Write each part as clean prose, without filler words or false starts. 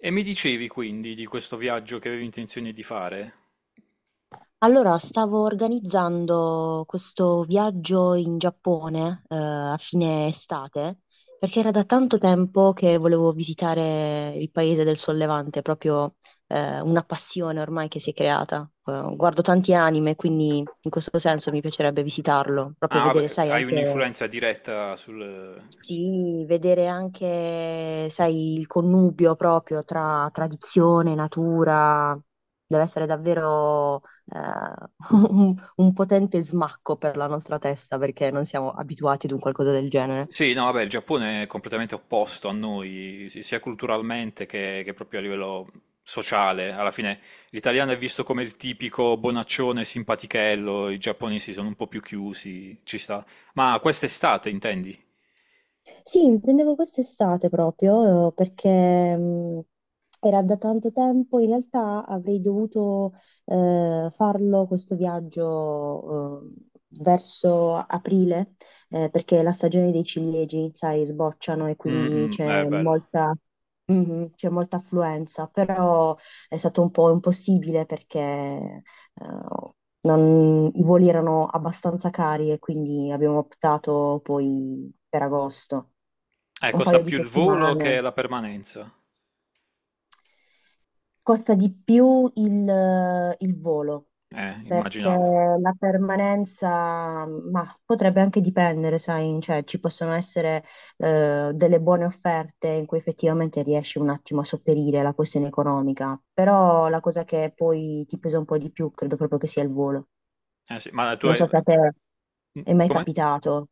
E mi dicevi quindi di questo viaggio che avevi intenzione di fare? Allora, stavo organizzando questo viaggio in Giappone, a fine estate, perché era da tanto tempo che volevo visitare il paese del Sol Levante, proprio, una passione ormai che si è creata. Guardo tanti anime, quindi in questo senso mi piacerebbe visitarlo, proprio Ah, vedere, vabbè, sai, hai anche un'influenza diretta sul... sì, vedere anche, sai, il connubio proprio tra tradizione, natura, deve essere davvero un potente smacco per la nostra testa perché non siamo abituati ad un qualcosa del genere. Sì, no, vabbè, il Giappone è completamente opposto a noi, sia culturalmente che proprio a livello sociale. Alla fine l'italiano è visto come il tipico bonaccione simpatichello, i giapponesi sono un po' più chiusi, ci sta. Ma quest'estate intendi? Sì, intendevo quest'estate proprio, perché era da tanto tempo, in realtà avrei dovuto farlo questo viaggio, verso aprile, perché la stagione dei ciliegi, sai, sbocciano e Mm, quindi mm, è c'è bello. molta. Mhm, c'è molta affluenza, però è stato un po' impossibile perché i voli erano abbastanza cari e quindi abbiamo optato poi per agosto, un Costa paio di più il volo che settimane. la permanenza. Costa di più il volo perché Immaginavo. la permanenza, ma potrebbe anche dipendere, sai, cioè ci possono essere delle buone offerte in cui effettivamente riesci un attimo a sopperire la questione economica, però la cosa che poi ti pesa un po' di più credo proprio che sia il volo. Eh sì, ma tu Non hai... so se a te è mai Come? capitato,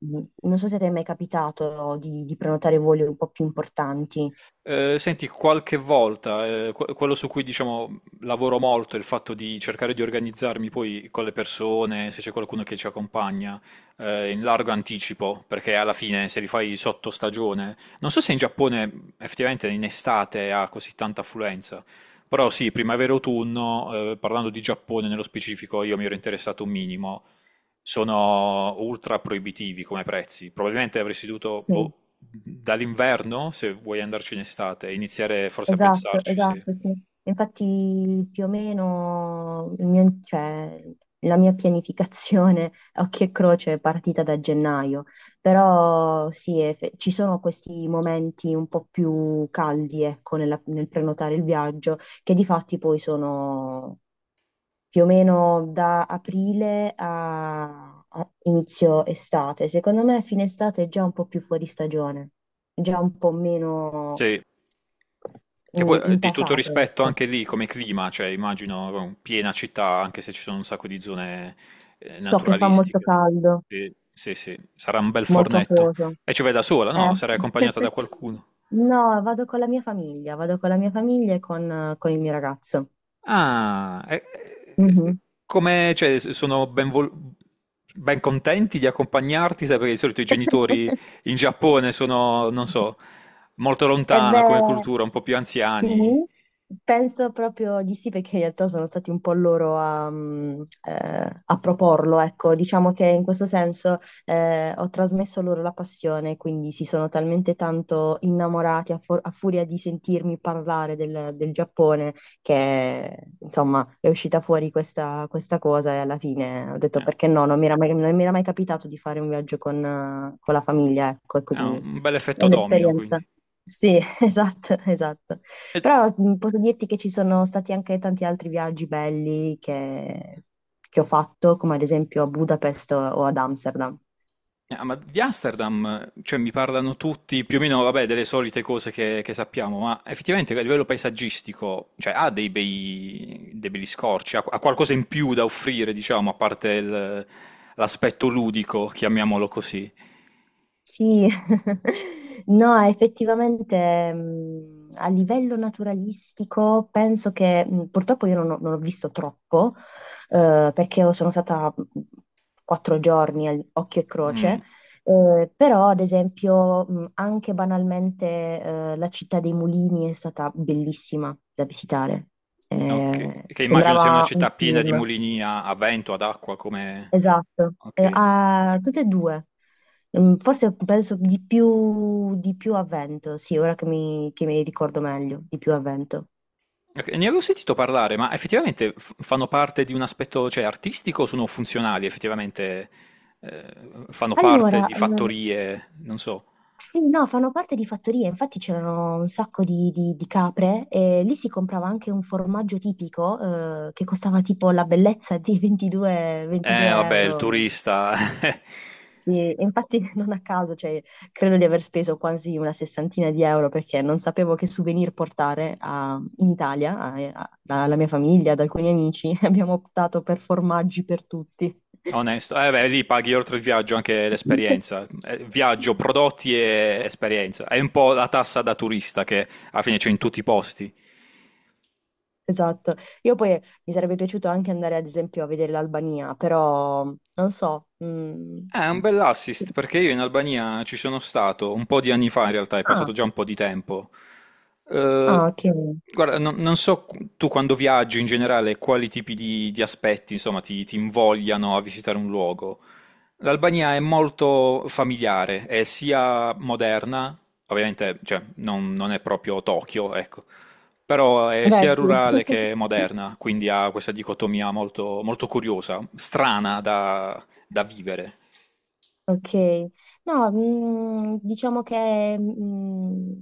Non so se a te è mai capitato di, prenotare voli un po' più importanti. Senti, qualche volta, quello su cui diciamo lavoro molto è il fatto di cercare di organizzarmi poi con le persone, se c'è qualcuno che ci accompagna, in largo anticipo, perché alla fine se li fai sotto stagione, non so se in Giappone effettivamente in estate ha così tanta affluenza, però sì, primavera-autunno, parlando di Giappone nello specifico, io mi ero interessato un minimo, sono ultra proibitivi come prezzi, probabilmente avresti dovuto, Sì. boh, dall'inverno, se vuoi andarci in estate, iniziare forse a Esatto, pensarci, sì. esatto, sì. Infatti più o meno, cioè, la mia pianificazione, a occhio e croce, è partita da gennaio, però sì, ci sono questi momenti un po' più caldi, ecco, nel prenotare il viaggio, che di fatti poi sono più o meno da aprile a inizio estate. Secondo me fine estate è già un po' più fuori stagione, già un po' meno, Sì, che poi di tutto intasato, rispetto ecco. anche lì come clima, cioè immagino piena città, anche se ci sono un sacco di zone So che fa molto naturalistiche. caldo, Sì, sì, sì, sarà un bel molto fornetto. acquoso. E ci vai da sola, Eh. no? Sarai accompagnata da qualcuno. No, vado con la mia famiglia, e con, il mio ragazzo. Ah, e- e- Mhm. come, cioè, sono ben contenti di accompagnarti, sai, perché di solito i genitori in Giappone sono, non so, molto E lontana come beh, cultura, un po' più anziani. sì, penso proprio di sì, perché in realtà sono stati un po' loro a proporlo, ecco, diciamo che in questo senso ho trasmesso loro la passione, quindi si sono talmente tanto innamorati a furia di sentirmi parlare del Giappone, che insomma è uscita fuori questa cosa e alla fine ho detto Eh, perché no, non mi era mai capitato di fare un viaggio con la famiglia, ecco, e Ha quindi un bel è effetto domino, un'esperienza. quindi. Sì, esatto, esatto. E Però posso dirti che ci sono stati anche tanti altri viaggi belli che ho fatto, come ad esempio a Budapest o ad Amsterdam. Ah, ma di Amsterdam, cioè, mi parlano tutti più o meno, vabbè, delle solite cose che sappiamo, ma effettivamente a livello paesaggistico, cioè, ha dei bei, dei belli scorci, ha, ha qualcosa in più da offrire, diciamo, a parte il- l'aspetto ludico, chiamiamolo così. Sì, no, effettivamente a livello naturalistico penso che purtroppo io non ho visto troppo, perché io sono stata 4 giorni, occhio e croce, Mm, però ad esempio anche banalmente la città dei mulini è stata bellissima da visitare. ok, che immagino sia una Sembrava un città piena di film. mulini a, a vento, ad acqua, come... Esatto, Ok. a tutte e due. Forse penso di più, a vento, sì, ora che mi ricordo meglio, di più a vento. Ok, ne avevo sentito parlare, ma effettivamente fanno parte di un aspetto, cioè, artistico o sono funzionali? Effettivamente eh, fanno parte Allora, di fattorie, non so. sì, no, fanno parte di fattorie, infatti c'erano un sacco di, capre e lì si comprava anche un formaggio tipico, che costava tipo la bellezza di 22 Vabbè, il euro. turista, Sì, e infatti non a caso, cioè, credo di aver speso quasi una sessantina di euro perché non sapevo che souvenir portare, in Italia, alla mia famiglia, ad alcuni amici. Abbiamo optato per formaggi per tutti. onesto. Beh, lì paghi oltre il viaggio anche l'esperienza. Viaggio, prodotti e esperienza. È un po' la tassa da turista che alla fine c'è in tutti i posti. Esatto. Io poi mi sarebbe piaciuto anche andare, ad esempio, a vedere l'Albania, però non so. Mm. È un bell'assist perché io in Albania ci sono stato un po' di anni fa, in realtà è Ah, passato già un po' di tempo. Eh, ah, ok. guarda, non so tu quando viaggi in generale quali tipi di aspetti, insomma, ti invogliano a visitare un luogo. L'Albania è molto familiare, è sia moderna, ovviamente, cioè, non è proprio Tokyo, ecco, però è Beh, sia sì. rurale che moderna, quindi ha questa dicotomia molto, molto curiosa, strana da vivere. Ok, no, diciamo che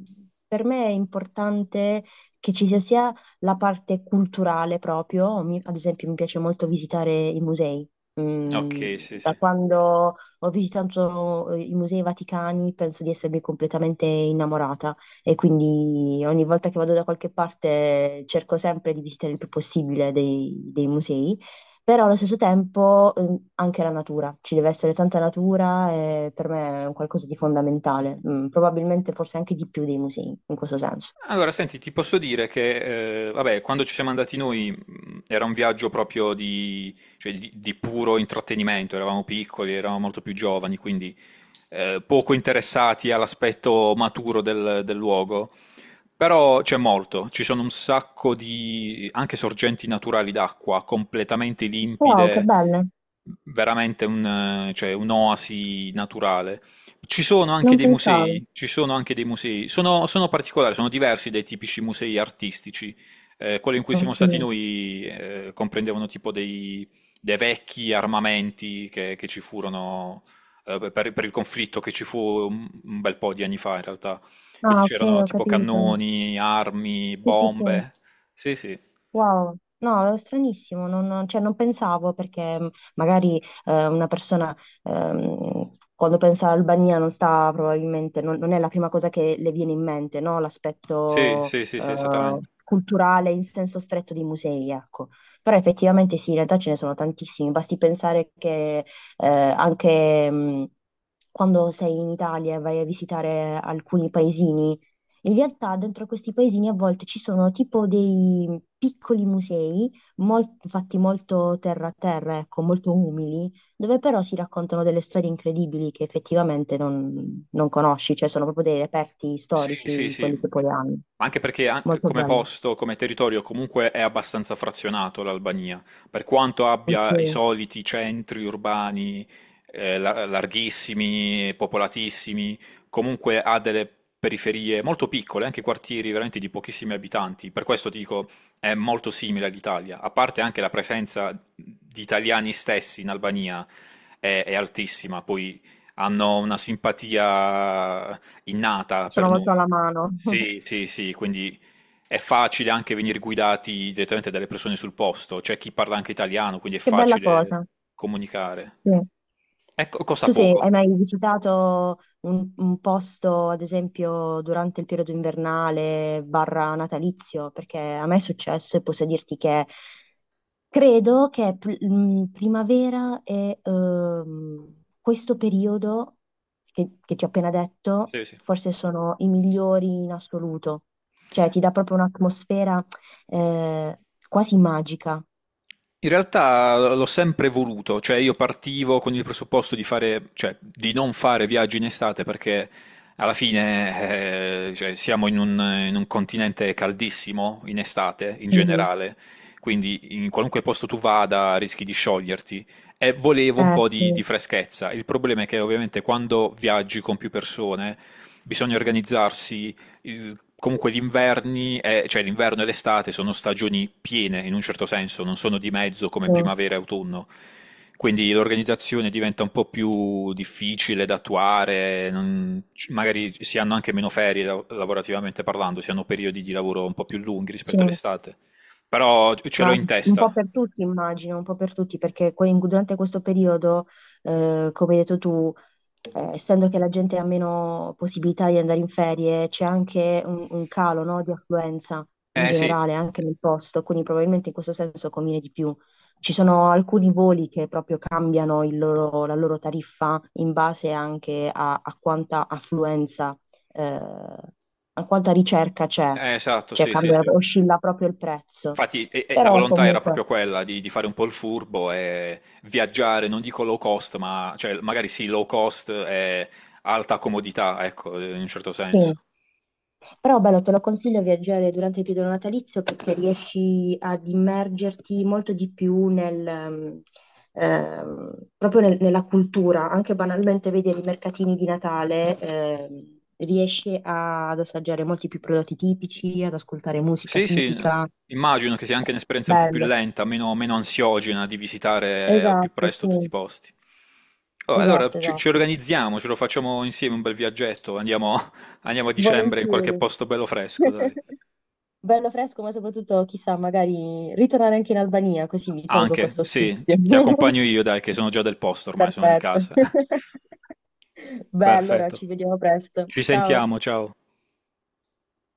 per me è importante che ci sia sia la parte culturale proprio. Ad esempio mi piace molto visitare i musei. Mm, Okay, sì, Da sì. quando ho visitato i musei vaticani penso di essermi completamente innamorata e quindi ogni volta che vado da qualche parte cerco sempre di visitare il più possibile dei musei. Però allo stesso tempo anche la natura, ci deve essere tanta natura e per me è un qualcosa di fondamentale. Probabilmente forse anche di più dei musei, in questo senso. Allora senti, ti posso dire che, vabbè quando ci siamo andati noi, era un viaggio proprio di cioè di puro intrattenimento, eravamo piccoli, eravamo molto più giovani, quindi, poco interessati all'aspetto maturo del luogo, però c'è molto. Ci sono un sacco di anche sorgenti naturali d'acqua completamente Wow, che limpide, belle, veramente cioè, un'oasi naturale. Ci sono anche non dei pensavo. musei, ci sono anche dei musei, sono particolari, sono diversi dai tipici musei artistici. Quello in cui siamo Ok. stati noi comprendevano tipo dei vecchi armamenti che ci furono per il conflitto che ci fu un bel po' di anni fa in realtà. Quindi Ah, ok, c'erano ho tipo capito. cannoni, armi, Sì, sì, sì. bombe. Sì, sì, Wow, no, è stranissimo, non, cioè, non pensavo perché magari una persona quando pensa all'Albania non sta probabilmente, non è la prima cosa che le viene in mente, no? sì, L'aspetto sì, sì, sì, esattamente. culturale in senso stretto dei musei, ecco. Però effettivamente sì, in realtà ce ne sono tantissimi, basti pensare che anche, quando sei in Italia e vai a visitare alcuni paesini, in realtà dentro questi paesini a volte ci sono tipo dei piccoli musei, fatti molto terra a terra, ecco, molto umili, dove però si raccontano delle storie incredibili che effettivamente non conosci, cioè sono proprio dei reperti Sì, sì, storici, sì. quelli che poi hanno. Anche perché Molto come bello. posto, come territorio, comunque è abbastanza frazionato l'Albania, per quanto abbia i Ok. soliti centri urbani larghissimi, popolatissimi, comunque ha delle periferie molto piccole, anche quartieri veramente di pochissimi abitanti. Per questo dico, è molto simile all'Italia, a parte anche la presenza di italiani stessi in Albania è altissima, poi hanno una simpatia innata Sono per molto noi. alla mano. Sì, sì, sì, quindi è facile anche venire guidati direttamente dalle persone sul posto, c'è chi parla anche italiano, quindi è Che bella facile cosa. comunicare. Sì. Ecco, costa poco. Hai mai visitato un posto, ad esempio, durante il periodo invernale barra natalizio? Perché a me è successo e posso dirti che credo che primavera e questo periodo che ti ho appena detto Sì, sì. forse sono i migliori in assoluto. Cioè, ti dà proprio un'atmosfera eh, quasi magica. In realtà l'ho sempre voluto, cioè io partivo con il presupposto di fare, cioè di non fare viaggi in estate perché alla fine cioè, siamo in un continente caldissimo in estate in Mhm. generale, quindi in qualunque posto tu vada rischi di scioglierti e volevo un po' Sì, di freschezza. Il problema è che ovviamente quando viaggi con più persone bisogna organizzarsi comunque gli inverni, cioè l'inverno e l'estate sono stagioni piene in un certo senso, non sono di mezzo come sì, primavera e autunno. Quindi l'organizzazione diventa un po' più difficile da attuare, magari si hanno anche meno ferie lavorativamente parlando, si hanno periodi di lavoro un po' più lunghi sì. rispetto all'estate. Però ce l'ho Ma in un po' testa. per tutti, immagino, un po' per tutti, perché durante questo periodo, come hai detto tu, essendo che la gente ha meno possibilità di andare in ferie, c'è anche un calo, no, di affluenza in Eh sì, generale anche nel posto, quindi probabilmente in questo senso conviene di più. Ci sono alcuni voli che proprio cambiano la loro tariffa in base anche a quanta affluenza, eh, a quanta ricerca c'è, eh, esatto, cioè sì, sì, cambia, sì. oscilla proprio il prezzo. Infatti, e la Però volontà era comunque proprio quella di fare un po' il furbo e viaggiare, non dico low cost, ma cioè, magari sì, low cost e alta comodità, ecco, in un certo sì. senso. Però bello, te lo consiglio viaggiare durante il periodo natalizio perché riesci ad immergerti molto di più proprio nella cultura, anche banalmente vedere i mercatini di Natale, riesci ad assaggiare molti più prodotti tipici, ad ascoltare musica Sì, sì, tipica. immagino che sia anche un'esperienza un po' più Bello, lenta, meno, meno ansiogena di visitare al più esatto, presto sì, tutti i posti. Oh, allora, esatto, ci esatto. organizziamo, ce lo facciamo insieme un bel viaggetto, andiamo, andiamo a dicembre in qualche Volentieri. posto bello fresco, dai. Bello fresco, ma soprattutto, chissà, magari ritornare anche in Albania, così mi tolgo Anche, questo sì, stizio. ti accompagno io, dai, che sono già del posto ormai, sono di Perfetto. casa. Beh, allora Perfetto. ci vediamo presto. Ci Ciao. sentiamo, ciao.